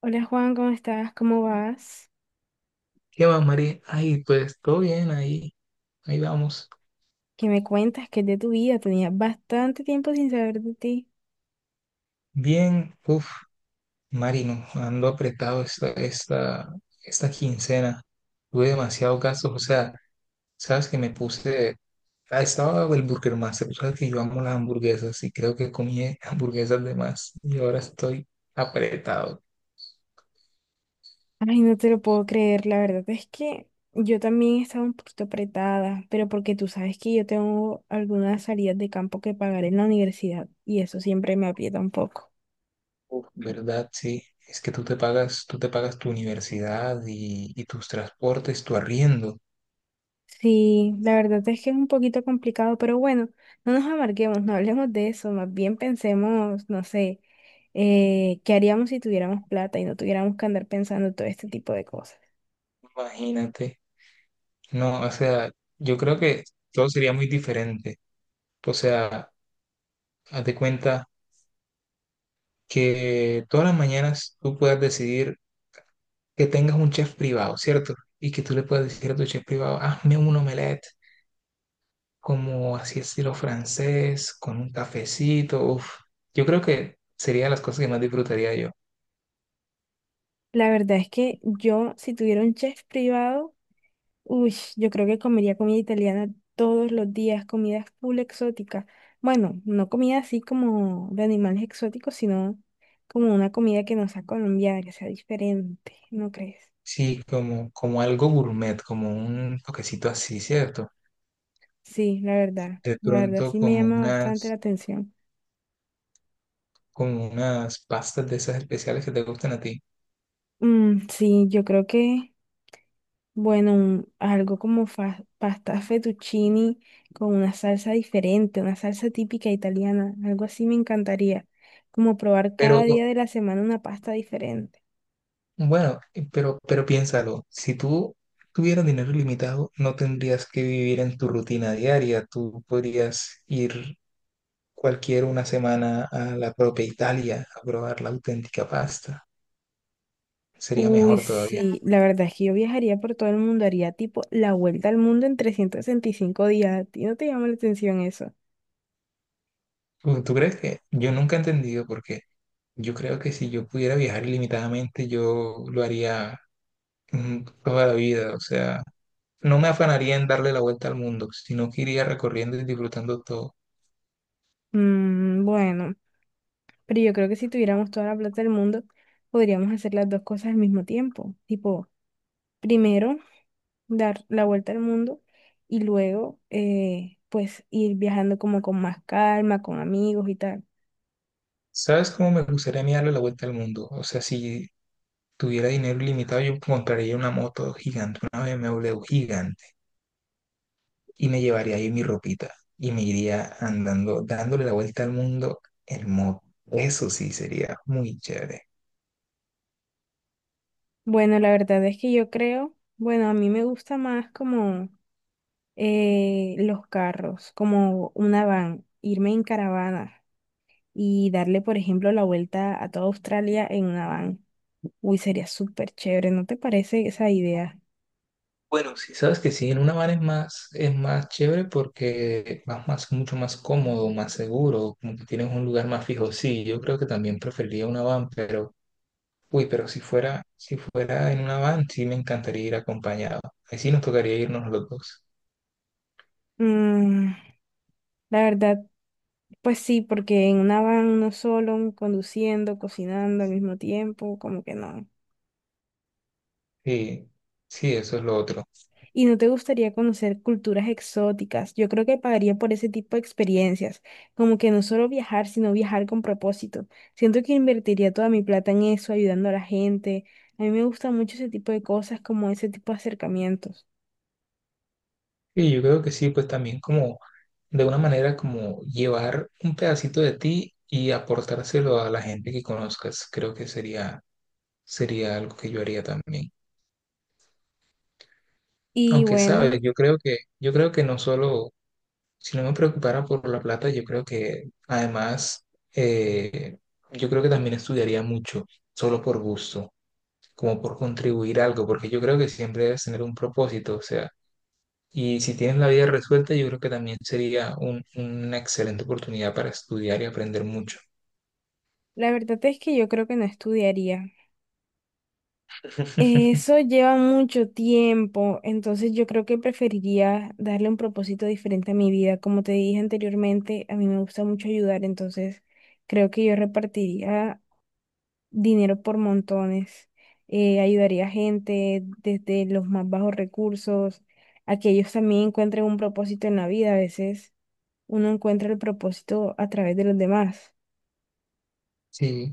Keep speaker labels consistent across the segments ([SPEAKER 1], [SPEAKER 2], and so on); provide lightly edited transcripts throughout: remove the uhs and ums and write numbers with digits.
[SPEAKER 1] Hola Juan, ¿cómo estás? ¿Cómo vas?
[SPEAKER 2] ¿Qué más, Mari? Ay, pues todo bien, ahí vamos.
[SPEAKER 1] ¿Qué me cuentas? ¿Qué es de tu vida? Tenía bastante tiempo sin saber de ti.
[SPEAKER 2] Bien, Marino, ando apretado esta quincena. Tuve demasiados gastos, o sea, sabes que me puse, estaba el Burger Master, sabes que yo amo las hamburguesas y creo que comí hamburguesas de más y ahora estoy apretado.
[SPEAKER 1] Ay, no te lo puedo creer, la verdad es que yo también estaba un poquito apretada, pero porque tú sabes que yo tengo algunas salidas de campo que pagar en la universidad y eso siempre me aprieta un poco.
[SPEAKER 2] ¿Verdad? Sí, es que tú te pagas tu universidad y tus transportes, tu arriendo,
[SPEAKER 1] Sí, la verdad es que es un poquito complicado, pero bueno, no nos amarguemos, no hablemos de eso, más bien pensemos, no sé, ¿qué haríamos si tuviéramos plata y no tuviéramos que andar pensando todo este tipo de cosas?
[SPEAKER 2] imagínate. No, o sea, yo creo que todo sería muy diferente. O sea, haz de cuenta que todas las mañanas tú puedas decidir que tengas un chef privado, ¿cierto? Y que tú le puedas decir a tu chef privado, hazme un omelette como así estilo francés, con un cafecito. Uf, yo creo que sería de las cosas que más disfrutaría yo.
[SPEAKER 1] La verdad es que yo, si tuviera un chef privado, uy, yo creo que comería comida italiana todos los días, comidas full exóticas. Bueno, no comida así como de animales exóticos, sino como una comida que no sea colombiana, que sea diferente, ¿no crees?
[SPEAKER 2] Sí, como algo gourmet, como un toquecito así, ¿cierto?
[SPEAKER 1] Sí,
[SPEAKER 2] De
[SPEAKER 1] la verdad
[SPEAKER 2] pronto
[SPEAKER 1] sí me
[SPEAKER 2] como
[SPEAKER 1] llama bastante la
[SPEAKER 2] unas,
[SPEAKER 1] atención.
[SPEAKER 2] como unas pastas de esas especiales que te gustan a ti.
[SPEAKER 1] Mm, sí, bueno, algo como pasta fettuccini con una salsa diferente, una salsa típica italiana, algo así me encantaría, como probar cada
[SPEAKER 2] Pero
[SPEAKER 1] día de la semana una pasta diferente.
[SPEAKER 2] pero piénsalo, si tú tuvieras dinero ilimitado, no tendrías que vivir en tu rutina diaria, tú podrías ir cualquier una semana a la propia Italia a probar la auténtica pasta, sería
[SPEAKER 1] Uy,
[SPEAKER 2] mejor todavía.
[SPEAKER 1] sí, la verdad es que yo viajaría por todo el mundo, haría tipo la vuelta al mundo en 365 días. ¿A ti no te llama la atención eso?
[SPEAKER 2] ¿Tú crees que? Yo nunca he entendido por qué. Yo creo que si yo pudiera viajar ilimitadamente, yo lo haría toda la vida, o sea, no me afanaría en darle la vuelta al mundo, sino que iría recorriendo y disfrutando todo.
[SPEAKER 1] Mm, bueno, pero yo creo que si tuviéramos toda la plata del mundo, podríamos hacer las dos cosas al mismo tiempo. Tipo, primero dar la vuelta al mundo y luego, pues, ir viajando como con más calma, con amigos y tal.
[SPEAKER 2] ¿Sabes cómo me gustaría a mí darle la vuelta al mundo? O sea, si tuviera dinero ilimitado, yo compraría una moto gigante, una BMW gigante, y me llevaría ahí mi ropita y me iría andando, dándole la vuelta al mundo en moto. Eso sí sería muy chévere.
[SPEAKER 1] Bueno, la verdad es que yo creo, bueno, a mí me gusta más como... los carros como una van, irme en caravana y darle, por ejemplo, la vuelta a toda Australia en una van. Uy, sería súper chévere, ¿no te parece esa idea?
[SPEAKER 2] Bueno, sí, sabes que sí, en una van es más chévere porque vas más, mucho más cómodo, más seguro, como que tienes un lugar más fijo. Sí, yo creo que también preferiría una van, pero pero si fuera en una van, sí me encantaría ir acompañado. Ahí sí nos tocaría irnos los dos.
[SPEAKER 1] Mm, la verdad, pues sí, porque en una van uno solo, conduciendo, cocinando al mismo tiempo, como que no.
[SPEAKER 2] Sí, sí, eso es lo otro.
[SPEAKER 1] ¿Y no te gustaría conocer culturas exóticas? Yo creo que pagaría por ese tipo de experiencias, como que no solo viajar, sino viajar con propósito. Siento que invertiría toda mi plata en eso, ayudando a la gente. A mí me gusta mucho ese tipo de cosas, como ese tipo de acercamientos.
[SPEAKER 2] Y yo creo que sí, pues también como de una manera como llevar un pedacito de ti y aportárselo a la gente que conozcas. Creo que sería algo que yo haría también.
[SPEAKER 1] Y
[SPEAKER 2] Aunque sabes,
[SPEAKER 1] bueno,
[SPEAKER 2] yo creo que no solo, si no me preocupara por la plata, yo creo que además, eh, yo creo que también estudiaría mucho, solo por gusto, como por contribuir a algo, porque yo creo que siempre debes tener un propósito, o sea, y si tienes la vida resuelta, yo creo que también sería una excelente oportunidad para estudiar y aprender mucho.
[SPEAKER 1] la verdad es que yo creo que no estudiaría. Eso lleva mucho tiempo, entonces yo creo que preferiría darle un propósito diferente a mi vida. Como te dije anteriormente, a mí me gusta mucho ayudar, entonces creo que yo repartiría dinero por montones, ayudaría a gente desde los más bajos recursos, a que ellos también encuentren un propósito en la vida. A veces uno encuentra el propósito a través de los demás.
[SPEAKER 2] Sí,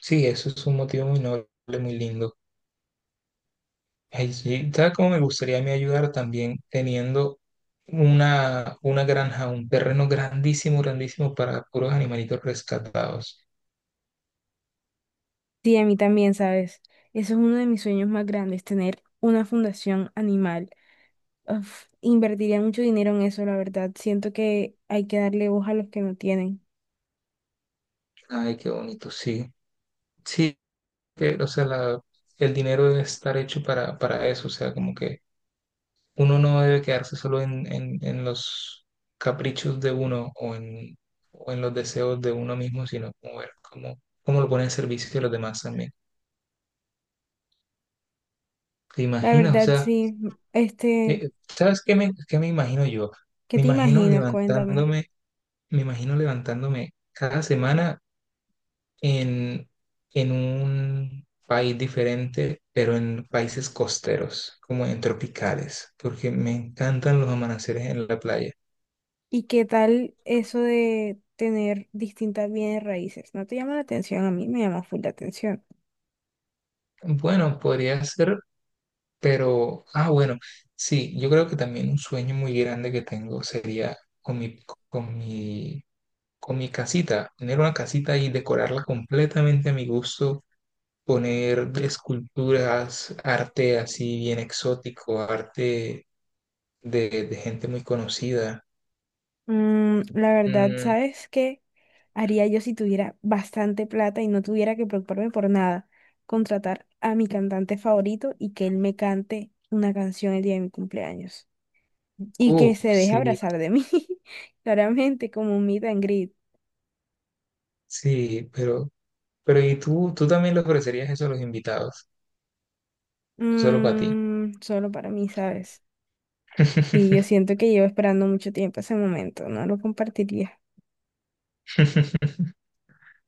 [SPEAKER 2] sí, eso es un motivo muy noble, muy lindo. Ay, sí, ¿sabes cómo me gustaría a mí ayudar también teniendo una granja, un terreno grandísimo, grandísimo para puros animalitos rescatados?
[SPEAKER 1] Sí, a mí también, ¿sabes? Eso es uno de mis sueños más grandes, tener una fundación animal. Uf, invertiría mucho dinero en eso, la verdad. Siento que hay que darle voz a los que no tienen.
[SPEAKER 2] Ay, qué bonito, sí. Sí, que, o sea, el dinero debe estar hecho para eso, o sea, como que uno no debe quedarse solo en, en los caprichos de uno o en los deseos de uno mismo, sino como ver cómo, cómo lo pone en servicio de los demás también. ¿Te
[SPEAKER 1] La
[SPEAKER 2] imaginas? O
[SPEAKER 1] verdad,
[SPEAKER 2] sea,
[SPEAKER 1] sí. Este,
[SPEAKER 2] ¿sabes qué me imagino yo?
[SPEAKER 1] ¿qué
[SPEAKER 2] Me
[SPEAKER 1] te
[SPEAKER 2] imagino
[SPEAKER 1] imaginas? Cuéntame.
[SPEAKER 2] levantándome, me imagino levantándome cada semana en, en un país diferente, pero en países costeros, como en tropicales, porque me encantan los amaneceres en la playa.
[SPEAKER 1] ¿Y qué tal eso de tener distintas bienes raíces? ¿No te llama la atención? A mí me llama full la atención.
[SPEAKER 2] Bueno, podría ser. Pero, bueno, sí, yo creo que también un sueño muy grande que tengo sería con mi, con mi casita, tener una casita y decorarla completamente a mi gusto, poner esculturas, arte así bien exótico, arte de gente muy conocida.
[SPEAKER 1] Mm, la verdad,
[SPEAKER 2] Mm,
[SPEAKER 1] ¿sabes qué haría yo si tuviera bastante plata y no tuviera que preocuparme por nada? Contratar a mi cantante favorito y que él me cante una canción el día de mi cumpleaños. Y que se deje
[SPEAKER 2] sí,
[SPEAKER 1] abrazar de mí, claramente, como un meet and greet.
[SPEAKER 2] sí, pero ¿y tú también le ofrecerías eso a los invitados? ¿O solo para ti?
[SPEAKER 1] Mm, solo para mí, ¿sabes? Sí, yo siento que llevo esperando mucho tiempo ese momento, no lo compartiría.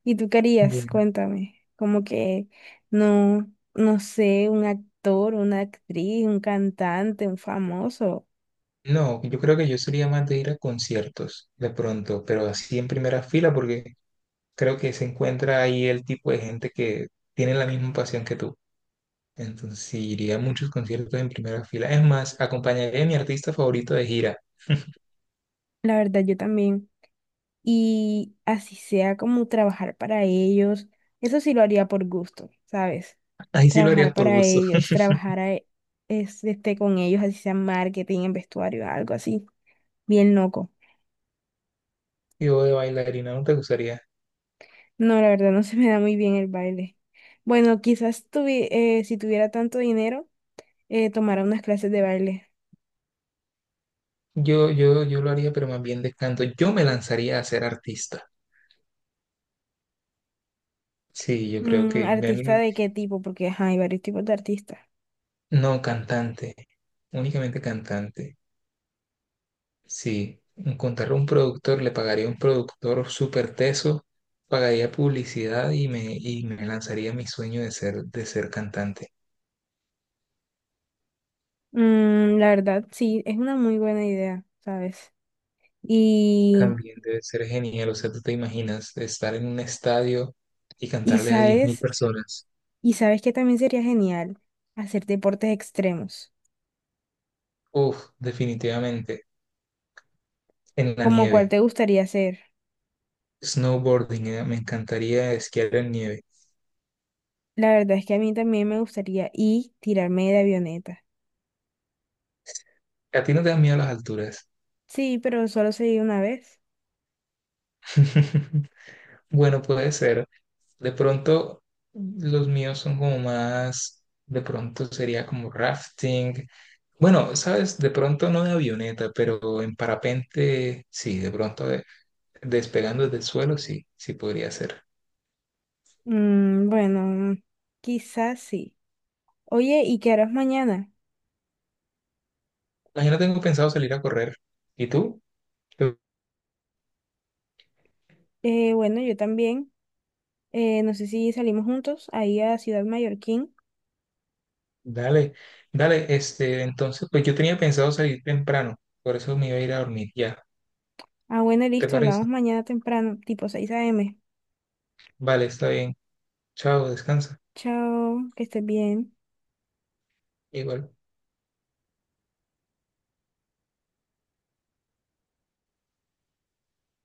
[SPEAKER 1] ¿Y tú querías?
[SPEAKER 2] Bueno.
[SPEAKER 1] Cuéntame. Como que no, no sé, un actor, una actriz, un cantante, un famoso.
[SPEAKER 2] No, yo creo que yo sería más de ir a conciertos de pronto, pero así en primera fila porque creo que se encuentra ahí el tipo de gente que tiene la misma pasión que tú. Entonces sí, iría a muchos conciertos en primera fila. Es más, acompañaría a mi artista favorito de gira.
[SPEAKER 1] La verdad, yo también, y así sea como trabajar para ellos, eso sí lo haría por gusto, ¿sabes?
[SPEAKER 2] Ahí sí lo
[SPEAKER 1] Trabajar
[SPEAKER 2] harías por
[SPEAKER 1] para
[SPEAKER 2] gusto.
[SPEAKER 1] ellos, trabajar a- e, es- este, con ellos, así sea en marketing, en vestuario, algo así, bien loco.
[SPEAKER 2] Yo de bailarina no te gustaría.
[SPEAKER 1] No, la verdad no se me da muy bien el baile. Bueno, si tuviera tanto dinero, tomara unas clases de baile.
[SPEAKER 2] Yo lo haría, pero más bien de canto. Yo me lanzaría a ser artista. Sí, yo creo
[SPEAKER 1] Mm,
[SPEAKER 2] que...
[SPEAKER 1] ¿artista de qué tipo? Porque ajá, hay varios tipos de artistas.
[SPEAKER 2] No, cantante. Únicamente cantante. Si encontrar un productor, le pagaría a un productor súper teso, pagaría publicidad y me lanzaría mi sueño de ser cantante.
[SPEAKER 1] Mm, la verdad, sí, es una muy buena idea, ¿sabes? Y,
[SPEAKER 2] También debe ser genial, o sea, tú te imaginas estar en un estadio y
[SPEAKER 1] y
[SPEAKER 2] cantarle a 10 000
[SPEAKER 1] ¿sabes?
[SPEAKER 2] personas.
[SPEAKER 1] Y sabes que también sería genial hacer deportes extremos,
[SPEAKER 2] Uf, definitivamente, en la
[SPEAKER 1] como cuál
[SPEAKER 2] nieve.
[SPEAKER 1] te gustaría hacer.
[SPEAKER 2] Snowboarding, me encantaría esquiar en nieve.
[SPEAKER 1] La verdad es que a mí también me gustaría y tirarme de avioneta.
[SPEAKER 2] ¿A ti no te dan miedo las alturas?
[SPEAKER 1] Sí, pero solo sería una vez.
[SPEAKER 2] Bueno, puede ser. De pronto, los míos son como más, de pronto sería como rafting. Bueno, sabes, de pronto no de avioneta, pero en parapente, sí, despegando desde el suelo, sí, sí podría ser.
[SPEAKER 1] Mm, bueno, quizás sí. Oye, ¿y qué harás mañana?
[SPEAKER 2] Ah, yo no tengo pensado salir a correr. ¿Y tú? Tú,
[SPEAKER 1] Bueno, yo también. No sé si salimos juntos ahí a Ciudad Mallorquín.
[SPEAKER 2] Dale, dale, este, entonces, pues yo tenía pensado salir temprano, por eso me iba a ir a dormir ya.
[SPEAKER 1] Ah, bueno,
[SPEAKER 2] ¿Te
[SPEAKER 1] listo, hablamos
[SPEAKER 2] parece?
[SPEAKER 1] mañana temprano, tipo seis a m.
[SPEAKER 2] Vale, está bien. Chao, descansa.
[SPEAKER 1] Chao, que estés bien.
[SPEAKER 2] Igual.